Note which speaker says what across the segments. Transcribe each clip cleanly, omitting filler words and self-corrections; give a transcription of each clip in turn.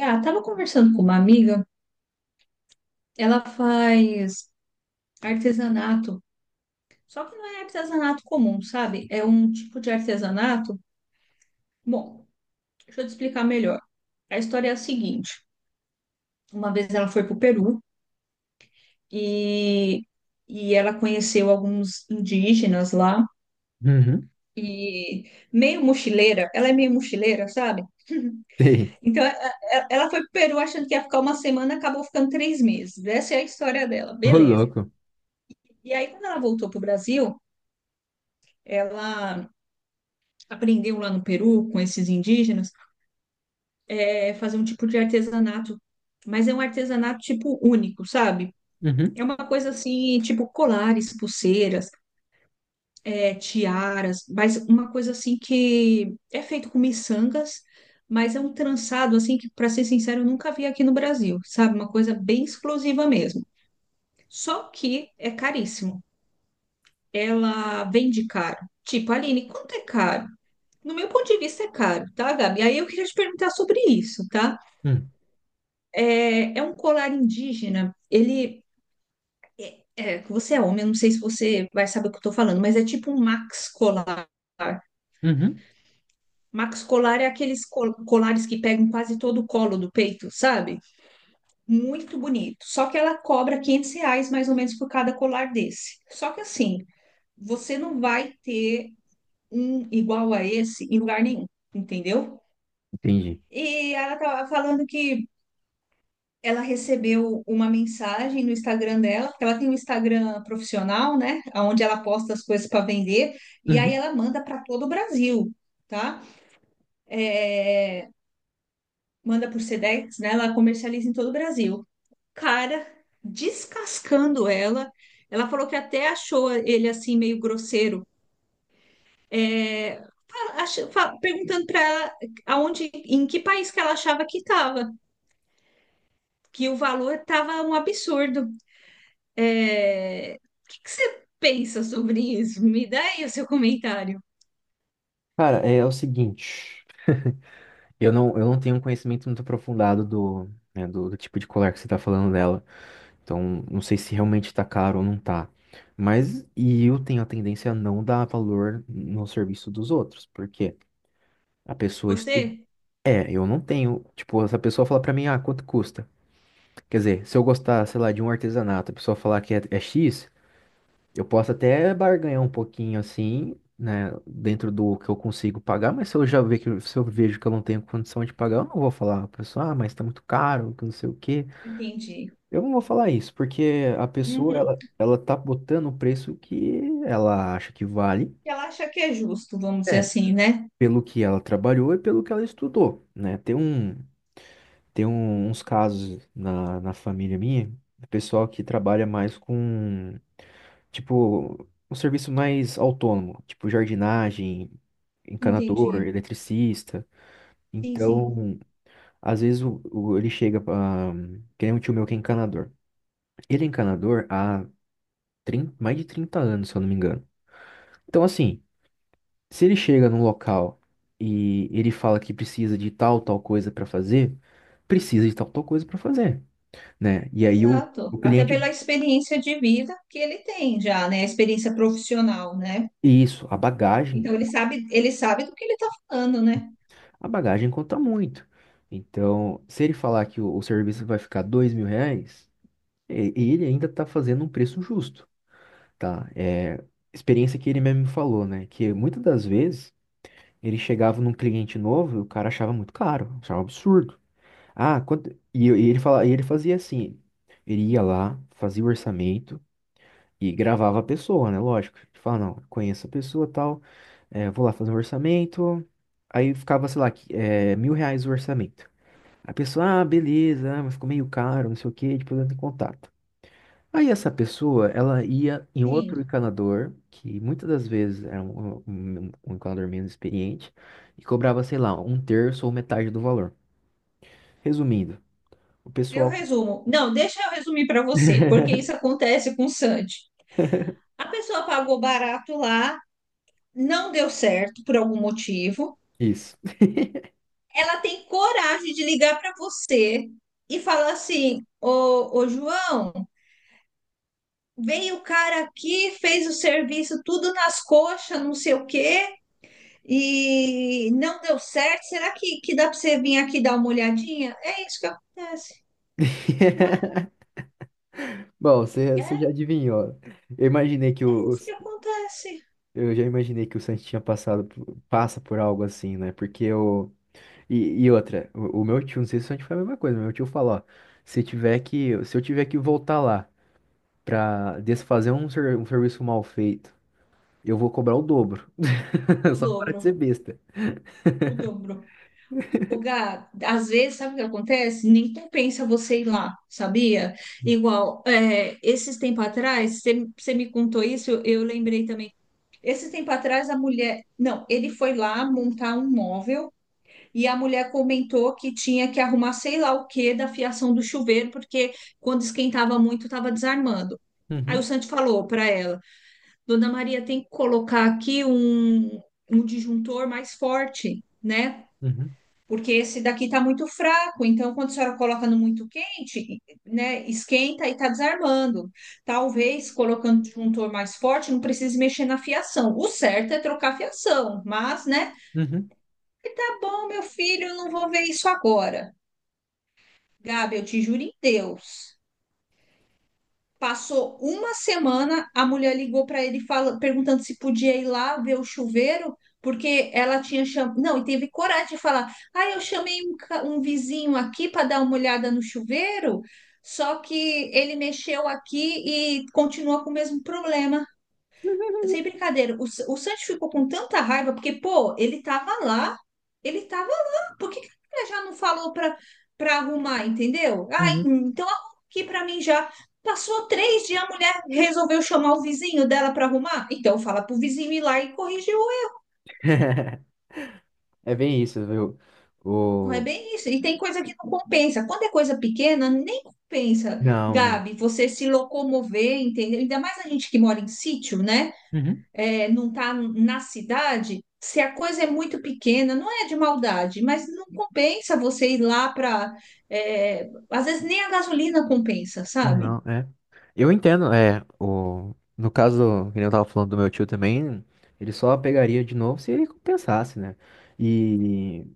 Speaker 1: Ah, tava conversando com uma amiga, ela faz artesanato, só que não é artesanato comum, sabe? É um tipo de artesanato. Bom, deixa eu te explicar melhor. A história é a seguinte: uma vez ela foi para o Peru e, e ela conheceu alguns indígenas lá.
Speaker 2: Uhum.
Speaker 1: E meio mochileira, ela é meio mochileira, sabe?
Speaker 2: Sei.
Speaker 1: Então ela foi pro Peru achando que ia ficar uma semana, acabou ficando 3 meses. Essa é a história dela,
Speaker 2: Ô,
Speaker 1: beleza.
Speaker 2: louco.
Speaker 1: E aí, quando ela voltou pro Brasil, ela aprendeu lá no Peru com esses indígenas é fazer um tipo de artesanato, mas é um artesanato tipo único, sabe?
Speaker 2: Uhum,
Speaker 1: É uma coisa assim, tipo colares, pulseiras, é, tiaras, mas uma coisa assim que é feito com miçangas, mas é um trançado assim que, para ser sincero, eu nunca vi aqui no Brasil, sabe? Uma coisa bem exclusiva mesmo. Só que é caríssimo. Ela vende caro. Tipo, Aline, quanto é caro? No meu ponto de vista, é caro, tá, Gabi? Aí eu queria te perguntar sobre isso, tá?
Speaker 2: uhum,
Speaker 1: É, é um colar indígena, ele. É, você é homem, eu não sei se você vai saber o que eu tô falando, mas é tipo um max colar.
Speaker 2: uhum,
Speaker 1: Max colar é aqueles colares que pegam quase todo o colo do peito, sabe? Muito bonito. Só que ela cobra R$ 500 mais ou menos por cada colar desse. Só que assim, você não vai ter um igual a esse em lugar nenhum, entendeu?
Speaker 2: entendi.
Speaker 1: E ela tava falando que ela recebeu uma mensagem no Instagram dela, porque ela tem um Instagram profissional, né, onde ela posta as coisas para vender, e aí
Speaker 2: Uhum.
Speaker 1: ela manda para todo o Brasil, tá? É, manda por Sedex, né? Ela comercializa em todo o Brasil. Cara, descascando ela, ela falou que até achou ele assim meio grosseiro. É, perguntando para ela aonde, em que país que ela achava que estava, que o valor estava um absurdo. É, o que que você pensa sobre isso? Me dá aí o seu comentário.
Speaker 2: Cara, é o seguinte. Eu não tenho um conhecimento muito aprofundado do, né, do tipo de colar que você tá falando dela. Então, não sei se realmente tá caro ou não tá. Mas, e eu tenho a tendência a não dar valor no serviço dos outros. Porque a pessoa estuda.
Speaker 1: Você?
Speaker 2: É, eu não tenho. Tipo, essa pessoa fala pra mim, ah, quanto custa? Quer dizer, se eu gostar, sei lá, de um artesanato, a pessoa falar que é X. Eu posso até barganhar um pouquinho assim, né, dentro do que eu consigo pagar, mas se eu já ver que se eu vejo que eu não tenho condição de pagar, eu não vou falar, a pessoa, ah, mas tá muito caro, que não sei o quê.
Speaker 1: Entendi.
Speaker 2: Eu não vou falar isso, porque a pessoa
Speaker 1: Uhum.
Speaker 2: ela tá botando o preço que ela acha que vale.
Speaker 1: Ela acha que é justo, vamos dizer
Speaker 2: É,
Speaker 1: assim, né?
Speaker 2: pelo que ela trabalhou e pelo que ela estudou, né? Uns casos na família minha, do pessoal que trabalha mais com, tipo, um serviço mais autônomo, tipo jardinagem, encanador,
Speaker 1: Entendi.
Speaker 2: eletricista.
Speaker 1: Sim, sim.
Speaker 2: Então, às vezes ele chega pra. Que nem um tio meu que é encanador. Ele é encanador há 30 mais de 30 anos, se eu não me engano. Então, assim, se ele chega num local e ele fala que precisa de tal, tal coisa para fazer, precisa de tal, tal coisa para fazer, né? E aí o,
Speaker 1: Exato.
Speaker 2: o
Speaker 1: Até
Speaker 2: cliente.
Speaker 1: pela experiência de vida que ele tem já, né? A experiência profissional, né?
Speaker 2: Isso,
Speaker 1: Então ele sabe do que ele está falando, né?
Speaker 2: a bagagem conta muito. Então, se ele falar que o serviço vai ficar R$ 2.000, ele ainda tá fazendo um preço justo, tá? É experiência que ele mesmo me falou, né? Que muitas das vezes ele chegava num cliente novo e o cara achava muito caro, achava um absurdo. Ah, e ele fazia assim, ele ia lá, fazia o orçamento e gravava a pessoa, né? Lógico. Ele fala, não, conheço a pessoa tal, é, vou lá fazer um orçamento. Aí ficava, sei lá, é, R$ 1.000 o orçamento. A pessoa, ah, beleza, ah, mas ficou meio caro, não sei o quê, depois entra em contato. Aí essa pessoa, ela ia em outro
Speaker 1: Sim.
Speaker 2: encanador, que muitas das vezes era um encanador menos experiente, e cobrava, sei lá, um terço ou metade do valor. Resumindo, o
Speaker 1: Eu
Speaker 2: pessoal.
Speaker 1: resumo. Não, deixa eu resumir para você, porque isso acontece com o Sandy. A pessoa pagou barato lá, não deu certo por algum motivo.
Speaker 2: Isso.
Speaker 1: Ela tem coragem de ligar para você e falar assim: Ô, ô João, veio o cara aqui, fez o serviço tudo nas coxas, não sei o quê, e não deu certo. Será que dá para você vir aqui dar uma olhadinha? É isso que acontece, não é?
Speaker 2: Bom, você
Speaker 1: É
Speaker 2: você já adivinhou. Eu imaginei que o, o-
Speaker 1: isso que acontece.
Speaker 2: eu já imaginei que o Santos tinha passa por algo assim, né? Porque eu e, e outra, o meu tio, não sei se o Santos foi a mesma coisa, mas meu tio falou, ó, se eu tiver que voltar lá pra desfazer um serviço mal feito, eu vou cobrar o dobro.
Speaker 1: O
Speaker 2: Só para
Speaker 1: dobro,
Speaker 2: de ser besta.
Speaker 1: o dobro. O Gá, às vezes, sabe o que acontece? Nem compensa você ir lá, sabia? Igual, é, esses tempos atrás, você me contou isso, eu lembrei também. Esse tempo atrás, a mulher. Não, ele foi lá montar um móvel e a mulher comentou que tinha que arrumar sei lá o que da fiação do chuveiro, porque quando esquentava muito, estava desarmando. Aí o
Speaker 2: Uhum,
Speaker 1: Santi falou para ela: Dona Maria, tem que colocar aqui um disjuntor mais forte, né?
Speaker 2: uhum,
Speaker 1: Porque esse daqui está muito fraco, então quando a senhora coloca no muito quente, né, esquenta e está desarmando. Talvez colocando um disjuntor mais forte, não precise mexer na fiação. O certo é trocar a fiação, mas, né,
Speaker 2: uhum,
Speaker 1: tá bom, meu filho, eu não vou ver isso agora. Gabi, eu te juro em Deus. Passou uma semana, a mulher ligou para ele fala, perguntando se podia ir lá ver o chuveiro, porque ela tinha chamado. Não, e teve coragem de falar: ah, eu chamei um vizinho aqui para dar uma olhada no chuveiro, só que ele mexeu aqui e continua com o mesmo problema. Sem brincadeira, o Sancho ficou com tanta raiva, porque, pô, ele tava lá, ele tava lá. Por que que ele já não falou pra arrumar, entendeu? Ah,
Speaker 2: uhum.
Speaker 1: então arruma aqui pra mim já. Passou 3 dias, a mulher resolveu chamar o vizinho dela pra arrumar. Então fala pro vizinho ir lá e corrigir o.
Speaker 2: É bem isso, viu?
Speaker 1: Não é
Speaker 2: O...
Speaker 1: bem isso. E tem coisa que não compensa. Quando é coisa pequena, nem compensa,
Speaker 2: Não,
Speaker 1: Gabi, você se locomover, entendeu? Ainda mais a gente que mora em sítio, né?
Speaker 2: não.
Speaker 1: É, não está na cidade, se a coisa é muito pequena, não é de maldade, mas não compensa você ir lá para. Às vezes nem a gasolina compensa, sabe?
Speaker 2: Não, é. Eu entendo, é. No caso, que nem eu tava falando do meu tio também, ele só pegaria de novo se ele compensasse, né? E,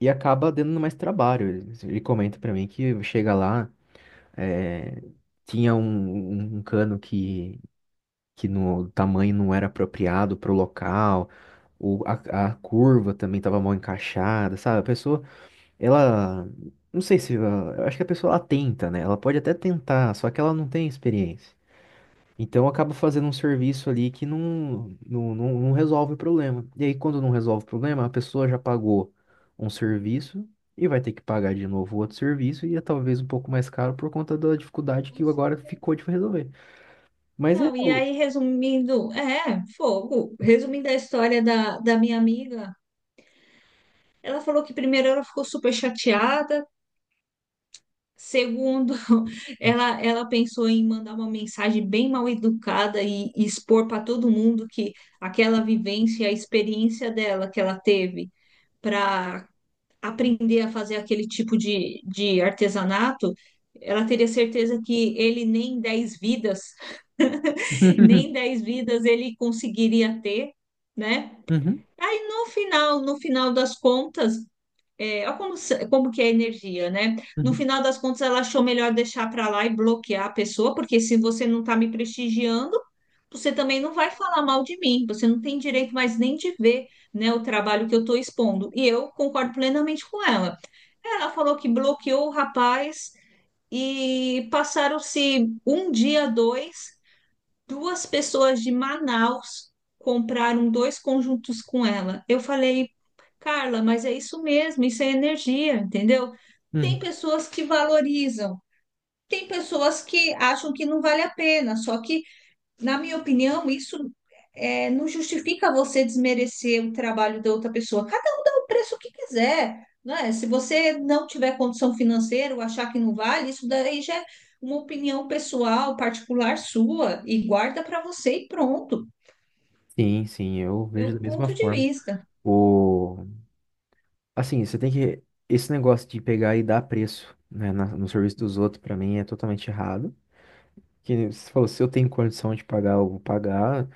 Speaker 2: e acaba dando mais trabalho. Ele comenta pra mim que chega lá, é, tinha um cano que no tamanho não era apropriado pro local, o, a, a curva também tava mal encaixada, sabe? A pessoa, ela... Não sei se... eu acho que a pessoa, ela tenta, né? Ela pode até tentar, só que ela não tem experiência. Então acaba fazendo um serviço ali que não resolve o problema. E aí, quando não resolve o problema, a pessoa já pagou um serviço e vai ter que pagar de novo outro serviço e é talvez um pouco mais caro por conta da dificuldade que agora ficou de resolver. Mas é.
Speaker 1: Não, e aí, resumindo, é, fogo. Resumindo a história da minha amiga, ela falou que primeiro ela ficou super chateada, segundo, ela pensou em mandar uma mensagem bem mal educada e expor para todo mundo que aquela vivência, a experiência dela que ela teve para aprender a fazer aquele tipo de artesanato, ela teria certeza que ele nem 10 vidas, nem 10 vidas ele conseguiria ter, né?
Speaker 2: Uhum,
Speaker 1: Aí no final, no final das contas, é, olha como, como que é a energia, né? No
Speaker 2: uhum,
Speaker 1: final das contas, ela achou melhor deixar para lá e bloquear a pessoa, porque se você não está me prestigiando, você também não vai falar mal de mim. Você não tem direito mais nem de ver, né, o trabalho que eu estou expondo. E eu concordo plenamente com ela. Ela falou que bloqueou o rapaz e passaram-se um dia, dois. Duas pessoas de Manaus compraram dois conjuntos com ela. Eu falei, Carla, mas é isso mesmo, isso é energia, entendeu? Tem
Speaker 2: uhum.
Speaker 1: pessoas que valorizam, tem pessoas que acham que não vale a pena, só que na minha opinião, isso é, não justifica você desmerecer o trabalho da outra pessoa. Cada um dá o preço que quiser, né? Se você não tiver condição financeira ou achar que não vale, isso daí já é uma opinião pessoal, particular sua, e guarda para você e pronto.
Speaker 2: Sim, sim, eu vejo
Speaker 1: Meu
Speaker 2: da mesma
Speaker 1: ponto de
Speaker 2: forma.
Speaker 1: vista.
Speaker 2: O... Assim, você tem que. Esse negócio de pegar e dar preço, né, no serviço dos outros, pra mim, é totalmente errado. Que você falou, se eu tenho condição de pagar, eu vou pagar.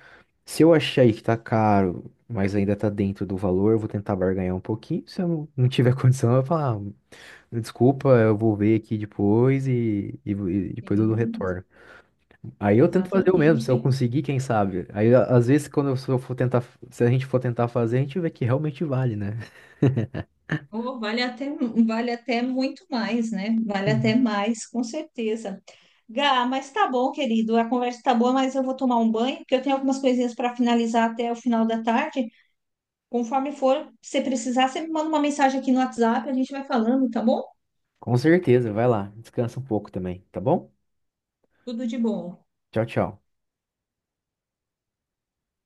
Speaker 2: Se eu achar aí que tá caro, mas ainda tá dentro do valor, eu vou tentar barganhar um pouquinho. Se eu não tiver condição, eu vou falar, "Ah, desculpa, eu vou ver aqui depois e depois eu dou
Speaker 1: Sim,
Speaker 2: retorno." Aí eu tento fazer o mesmo, se eu
Speaker 1: exatamente.
Speaker 2: conseguir, quem sabe. Às vezes quando eu se eu for tentar, se a gente for tentar fazer, a gente vê que realmente vale, né?
Speaker 1: Oh, vale até muito mais, né? Vale até mais, com certeza. Gá, mas tá bom, querido. A conversa tá boa, mas eu vou tomar um banho, porque eu tenho algumas coisinhas para finalizar até o final da tarde. Conforme for, se precisar, você me manda uma mensagem aqui no WhatsApp, a gente vai falando, tá bom?
Speaker 2: Com certeza, vai lá, descansa um pouco também, tá bom?
Speaker 1: Tudo de bom.
Speaker 2: Tchau, tchau.